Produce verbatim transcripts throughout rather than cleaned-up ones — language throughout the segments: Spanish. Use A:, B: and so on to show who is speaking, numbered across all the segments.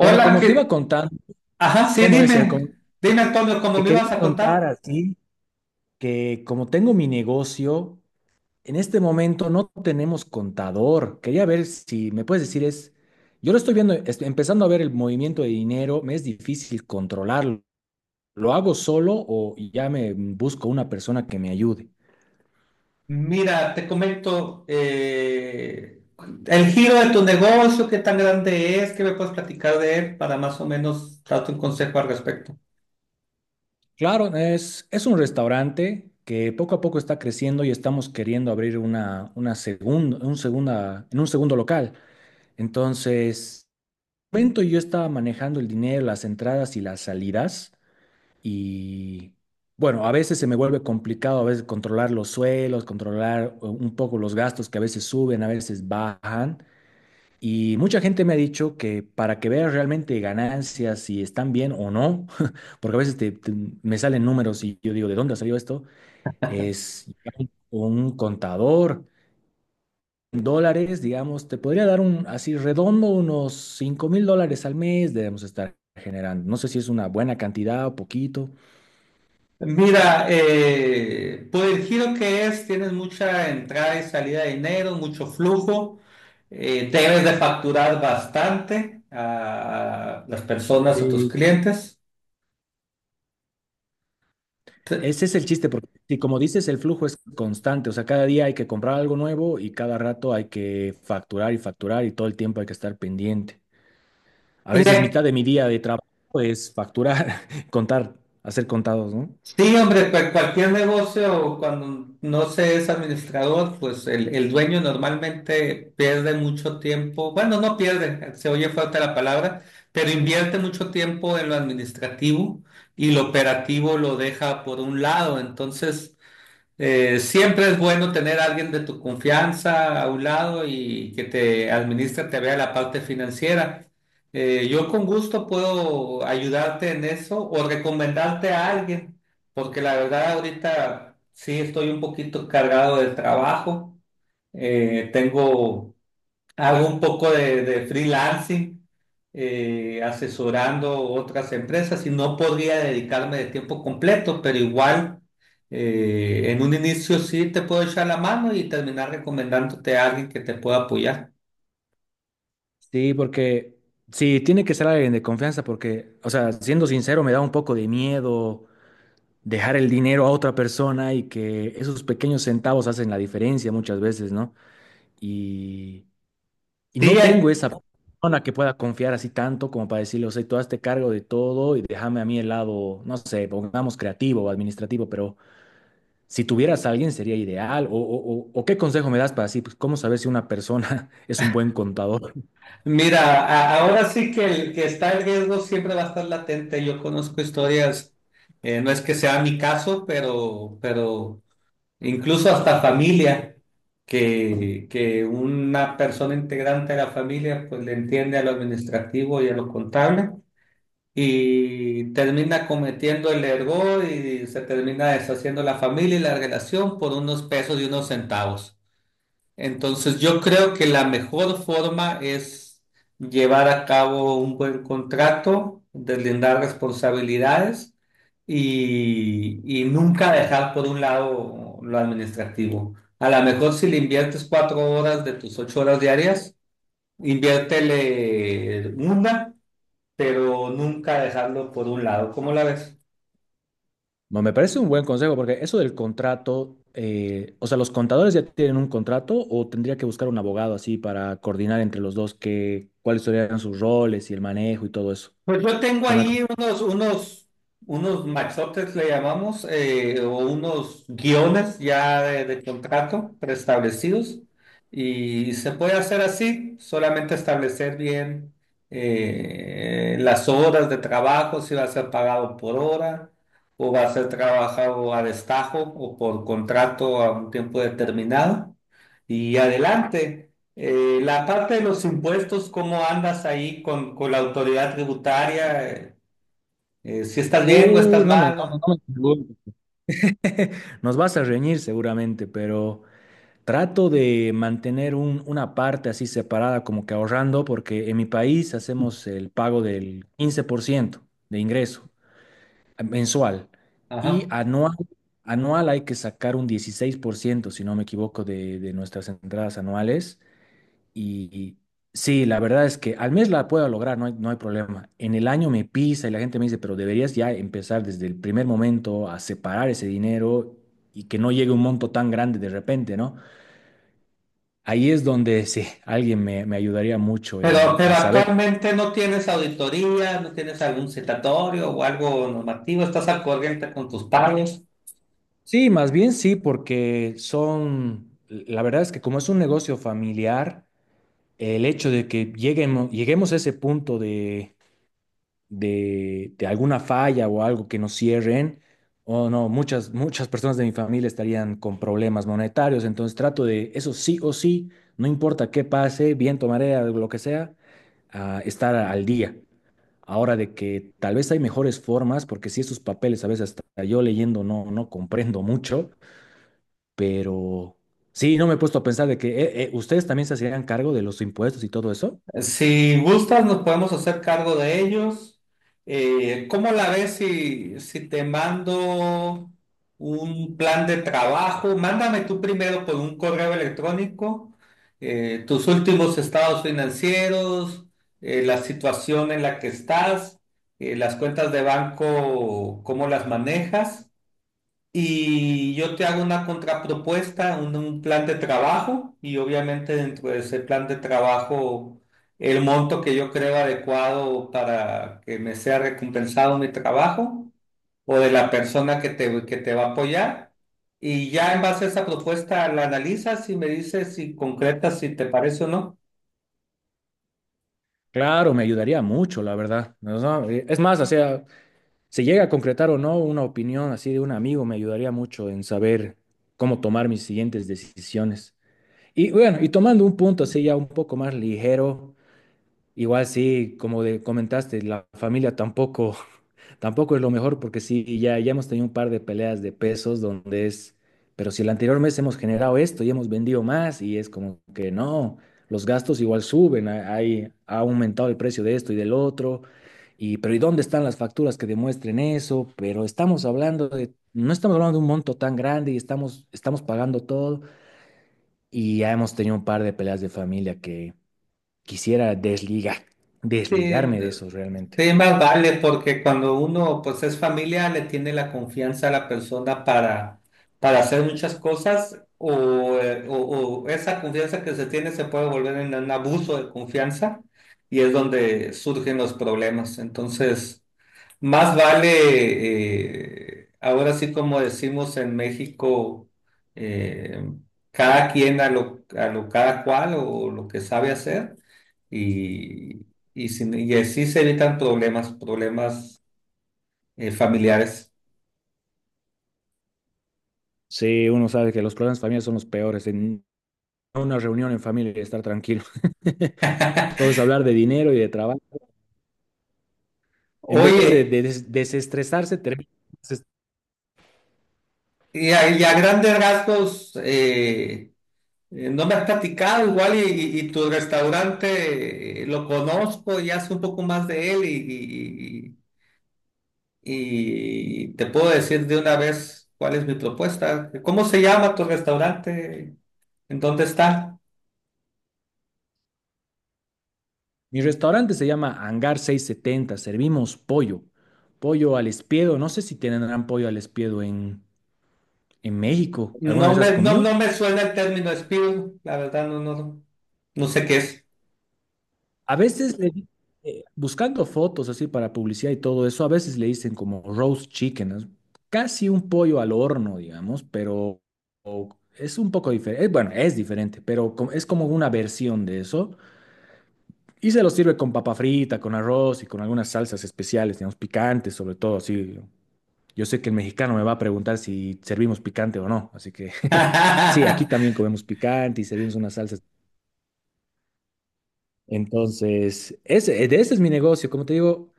A: Bueno, como te iba
B: que...
A: contando,
B: Ajá, sí,
A: ¿cómo es? Eh, como-
B: dime. Dime, Antonio, ¿cómo
A: Te
B: me ibas
A: quería
B: a
A: contar
B: contar?
A: así que como tengo mi negocio, en este momento no tenemos contador. Quería ver si me puedes decir es, yo lo estoy viendo, estoy empezando a ver el movimiento de dinero, me es difícil controlarlo. ¿Lo hago solo o ya me busco una persona que me ayude?
B: Mira, te comento eh, el giro de tu negocio, qué tan grande es, qué me puedes platicar de él para más o menos darte un consejo al respecto.
A: Claro, es, es un restaurante que poco a poco está creciendo y estamos queriendo abrir una, una segunda, un segunda, en un segundo local. Entonces, momento yo estaba manejando el dinero, las entradas y las salidas y bueno, a veces se me vuelve complicado, a veces controlar los suelos, controlar eh, un poco los gastos que a veces suben, a veces bajan. Y mucha gente me ha dicho que para que veas realmente ganancias, si están bien o no, porque a veces te- te- me salen números y yo digo, ¿de dónde salió esto? Es un un contador. En dólares, digamos, te podría dar un, así redondo, unos cinco mil dólares al mes debemos estar generando. No sé si es una buena cantidad o poquito.
B: Mira, eh, por el giro que es, tienes mucha entrada y salida de dinero, mucho flujo, eh, debes de facturar bastante a las personas, a tus
A: Sí,
B: clientes. Te-
A: ese es el chiste, porque si como dices, el flujo es constante, o sea, cada día hay que comprar algo nuevo y cada rato hay que facturar y facturar y todo el tiempo hay que estar pendiente. A
B: Y
A: veces mitad de
B: de
A: mi día de trabajo es facturar, contar, hacer contados, ¿no?
B: sí, hombre, pues cualquier negocio cuando no se es administrador, pues el, el dueño normalmente pierde mucho tiempo, bueno, no pierde, se oye fuerte la palabra, pero invierte mucho tiempo en lo administrativo y lo operativo lo deja por un lado. Entonces, eh, siempre es bueno tener a alguien de tu confianza a un lado y que te administre, te vea la parte financiera. Eh, yo con gusto puedo ayudarte en eso o recomendarte a alguien, porque la verdad ahorita sí estoy un poquito cargado de trabajo. Eh, tengo, hago un poco de de freelancing eh, asesorando otras empresas y no podría dedicarme de tiempo completo, pero igual eh, en un inicio sí te puedo echar la mano y terminar recomendándote a alguien que te pueda apoyar.
A: Sí, porque sí, tiene que ser alguien de confianza porque, o sea, siendo sincero, me da un poco de miedo dejar el dinero a otra persona y que esos pequeños centavos hacen la diferencia muchas veces, ¿no? Y, y
B: Sí,
A: no tengo
B: hay-
A: esa persona que pueda confiar así tanto como para decirle, o sea, tú hazte cargo de todo y déjame a mí el lado, no sé, pongamos creativo o administrativo, pero si tuvieras a alguien sería ideal. ¿O, o, o- o qué consejo me das para así, pues, ¿cómo saber si una persona es un buen contador?
B: mira, a- ahora sí que el que está en riesgo siempre va a estar latente. Yo conozco historias, eh, no es que sea mi caso, pero, pero incluso hasta familia, que, que una persona integrante de la familia pues le entiende a lo administrativo y a lo contable y termina cometiendo el error y se termina deshaciendo la familia y la relación por unos pesos y unos centavos. Entonces, yo creo que la mejor forma es llevar a cabo un buen contrato, deslindar responsabilidades y, y nunca dejar por un lado lo administrativo. A lo mejor si le inviertes cuatro horas de tus ocho horas diarias, inviértele una, pero nunca dejarlo por un lado. ¿Cómo la ves?
A: Ma, Me parece un buen consejo porque eso del contrato, eh, o sea, ¿los contadores ya tienen un contrato o tendría que buscar un abogado así para coordinar entre los dos que, cuáles serían sus roles y el manejo y todo eso?
B: Pues yo tengo
A: ¿Qué me acon-
B: ahí unos, unos, unos maxotes, le llamamos, eh, o unos guiones ya de, de contrato preestablecidos y se puede hacer así, solamente establecer bien eh, las horas de trabajo, si va a ser pagado por hora o va a ser trabajado a destajo o por contrato a un tiempo determinado y adelante. Eh, la parte de los impuestos, ¿cómo andas ahí con, con la autoridad tributaria? Eh, eh, ¿si estás bien o
A: Uy,
B: estás
A: no me, no, no
B: malo?
A: no me preguntes. Nos vas a reñir seguramente, pero trato de mantener un- una parte así separada como que ahorrando porque en mi país hacemos el pago del quince por ciento de ingreso mensual. Y
B: Ajá.
A: anual, anual hay que sacar un dieciséis por ciento si no me equivoco, de, de nuestras entradas anuales. Y, y sí, la verdad es que al mes la puedo lograr, no hay, no hay problema. En el año me pisa y la gente me dice, pero deberías ya empezar desde el primer momento a separar ese dinero y que no llegue un monto tan grande de repente, ¿no? Ahí es donde sí, alguien me, me ayudaría mucho
B: Pero,
A: en,
B: pero
A: en saber.
B: actualmente no tienes auditoría, no tienes algún citatorio o algo normativo, ¿estás al corriente con tus pagos?
A: Sí, más bien sí, porque son, la verdad es que como es un negocio familiar, el hecho de que lleguemos, lleguemos a ese punto de, de, de alguna falla o algo que nos cierren, o no, muchas, muchas personas de mi familia estarían con problemas monetarios, entonces trato de eso sí o sí, no importa qué pase, viento, marea, lo que sea, a estar al día. Ahora de que tal vez hay mejores formas, porque si esos papeles a veces hasta yo leyendo no, no comprendo mucho, pero sí, no me he puesto a pensar de que eh, eh, ustedes también se hacían cargo de los impuestos y todo eso.
B: Si gustas, nos podemos hacer cargo de ellos. Eh, ¿cómo la ves si, si te mando un plan de trabajo? Mándame tú primero por un correo electrónico eh, tus últimos estados financieros, eh, la situación en la que estás, eh, las cuentas de banco, cómo las manejas. Y yo te hago una contrapropuesta, un, un plan de trabajo y obviamente dentro de ese plan de trabajo el monto que yo creo adecuado para que me sea recompensado mi trabajo o de la persona que te, que te va a apoyar. Y ya en base a esa propuesta la analizas y me dices si concretas, si te parece o no.
A: Claro, me ayudaría mucho, la verdad. No, no, eh, es más, o sea, si llega a concretar o no una opinión así de un amigo, me ayudaría mucho en saber cómo tomar mis siguientes decisiones. Y bueno, y tomando un punto así ya un poco más ligero, igual sí, como de- comentaste, la familia tampoco tampoco es lo mejor porque sí, ya, ya hemos tenido un par de peleas de pesos donde es, pero si el anterior mes hemos generado esto y hemos vendido más y es como que no, los gastos igual suben, ha- hay, ha aumentado el precio de esto y del otro, y pero ¿y dónde están las facturas que demuestren eso? Pero estamos hablando de, no estamos hablando de un monto tan grande y estamos, estamos pagando todo y ya hemos tenido un par de peleas de familia que quisiera desligar,
B: Sí,
A: desligarme de eso realmente.
B: sí, más vale, porque cuando uno pues es familia, le tiene la confianza a la persona para, para hacer muchas cosas o, eh, o- o esa confianza que se tiene se puede volver en un abuso de confianza y es donde surgen los problemas. Entonces, más vale, eh, ahora sí como decimos en México, eh, cada quien a lo, a lo cada cual o lo que sabe hacer y, y, sin- y así se evitan problemas, problemas eh, familiares.
A: Sí, uno sabe que los problemas familiares son los peores. En- una reunión en familia y estar tranquilo. Todo es hablar de dinero y de trabajo. En vez de,
B: Oye,
A: de des- desestresarse, termina-
B: y a, y a grandes rasgos, eh, eh, no me has platicado igual y, y- y tu restaurante eh, lo conozco y hace un poco más de él y Y te puedo decir de una vez cuál es mi propuesta. ¿Cómo se llama tu restaurante? ¿En dónde está?
A: Mi restaurante se llama Hangar seiscientos setenta. Servimos pollo, pollo al espiedo. No sé si tienen pollo al espiedo en, en México. ¿Alguna
B: No
A: vez has
B: me, no,
A: comido?
B: no me suena el término espíritu, la verdad no, no, no sé qué es.
A: A veces le di- eh, buscando fotos así para publicidad y todo eso, a veces le dicen como roast chicken, es casi un pollo al horno, digamos, pero o- es un poco diferente. Bueno, es diferente, pero co- es como una versión de eso. Y se lo sirve con papa frita, con arroz y con algunas salsas especiales, digamos, picantes, sobre todo. Así, yo sé que el mexicano me va a preguntar si servimos picante o no, así que sí, aquí también comemos picante y servimos unas salsas. Entonces, ese, de ese es mi negocio. Como te digo,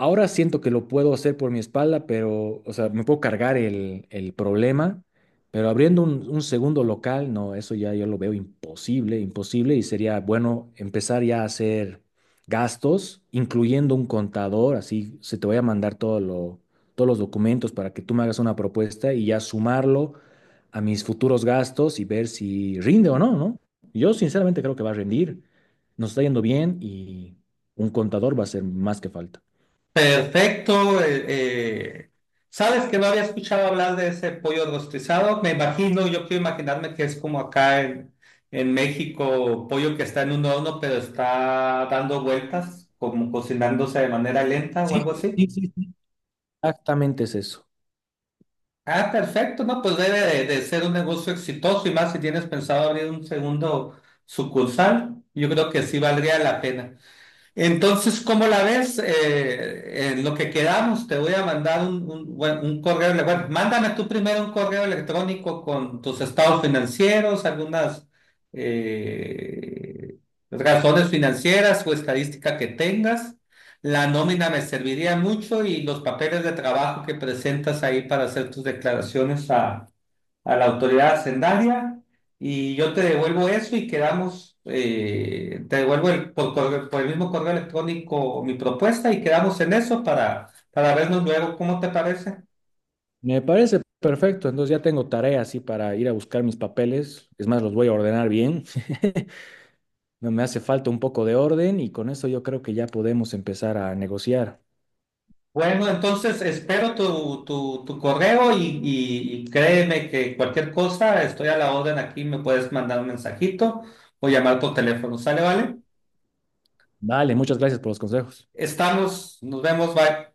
A: ahora siento que lo puedo hacer por mi espalda, pero, o sea, me puedo cargar el, el problema, pero abriendo un, un segundo local, no, eso ya yo lo veo imposible, imposible, y sería bueno empezar ya a hacer gastos, incluyendo un contador, así se te voy a mandar todo lo, todos los documentos para que tú me hagas una propuesta y ya sumarlo a mis futuros gastos y ver si rinde o no, ¿no? Yo sinceramente creo que va a rendir, nos está yendo bien y un contador va a ser más que falta.
B: Perfecto. eh, eh, ¿Sabes que no había escuchado hablar de ese pollo rostizado? Me imagino, yo quiero imaginarme que es como acá en, en México, pollo que está en un horno, pero está dando vueltas, como cocinándose de manera lenta o
A: Sí,
B: algo así.
A: sí, sí, sí, exactamente es eso.
B: Ah, perfecto, no, pues debe de, de ser un negocio exitoso y más si tienes pensado abrir un segundo sucursal, yo creo que sí valdría la pena. Entonces, ¿cómo la ves? Eh, en lo que quedamos, te voy a mandar un, un, bueno, un correo. Ele- bueno, mándame tú primero un correo electrónico con tus estados financieros, algunas eh, razones financieras o estadística que tengas. La nómina me serviría mucho y los papeles de trabajo que presentas ahí para hacer tus declaraciones a la autoridad hacendaria y yo te devuelvo eso y quedamos, eh, te devuelvo el- por, correo- por el mismo correo electrónico mi propuesta y quedamos en eso para, para vernos luego, ¿cómo te parece?
A: Me parece perfecto. Entonces ya tengo tarea así para ir a buscar mis papeles. Es más, los voy a ordenar bien. No me hace falta un poco de orden y con eso yo creo que ya podemos empezar a negociar.
B: Bueno, entonces espero tu, tu, tu correo y, y- y créeme que cualquier cosa, estoy a la orden aquí, me puedes mandar un mensajito o llamar por teléfono, ¿sale, vale?
A: Vale, muchas gracias por los consejos.
B: Estamos, nos vemos, bye.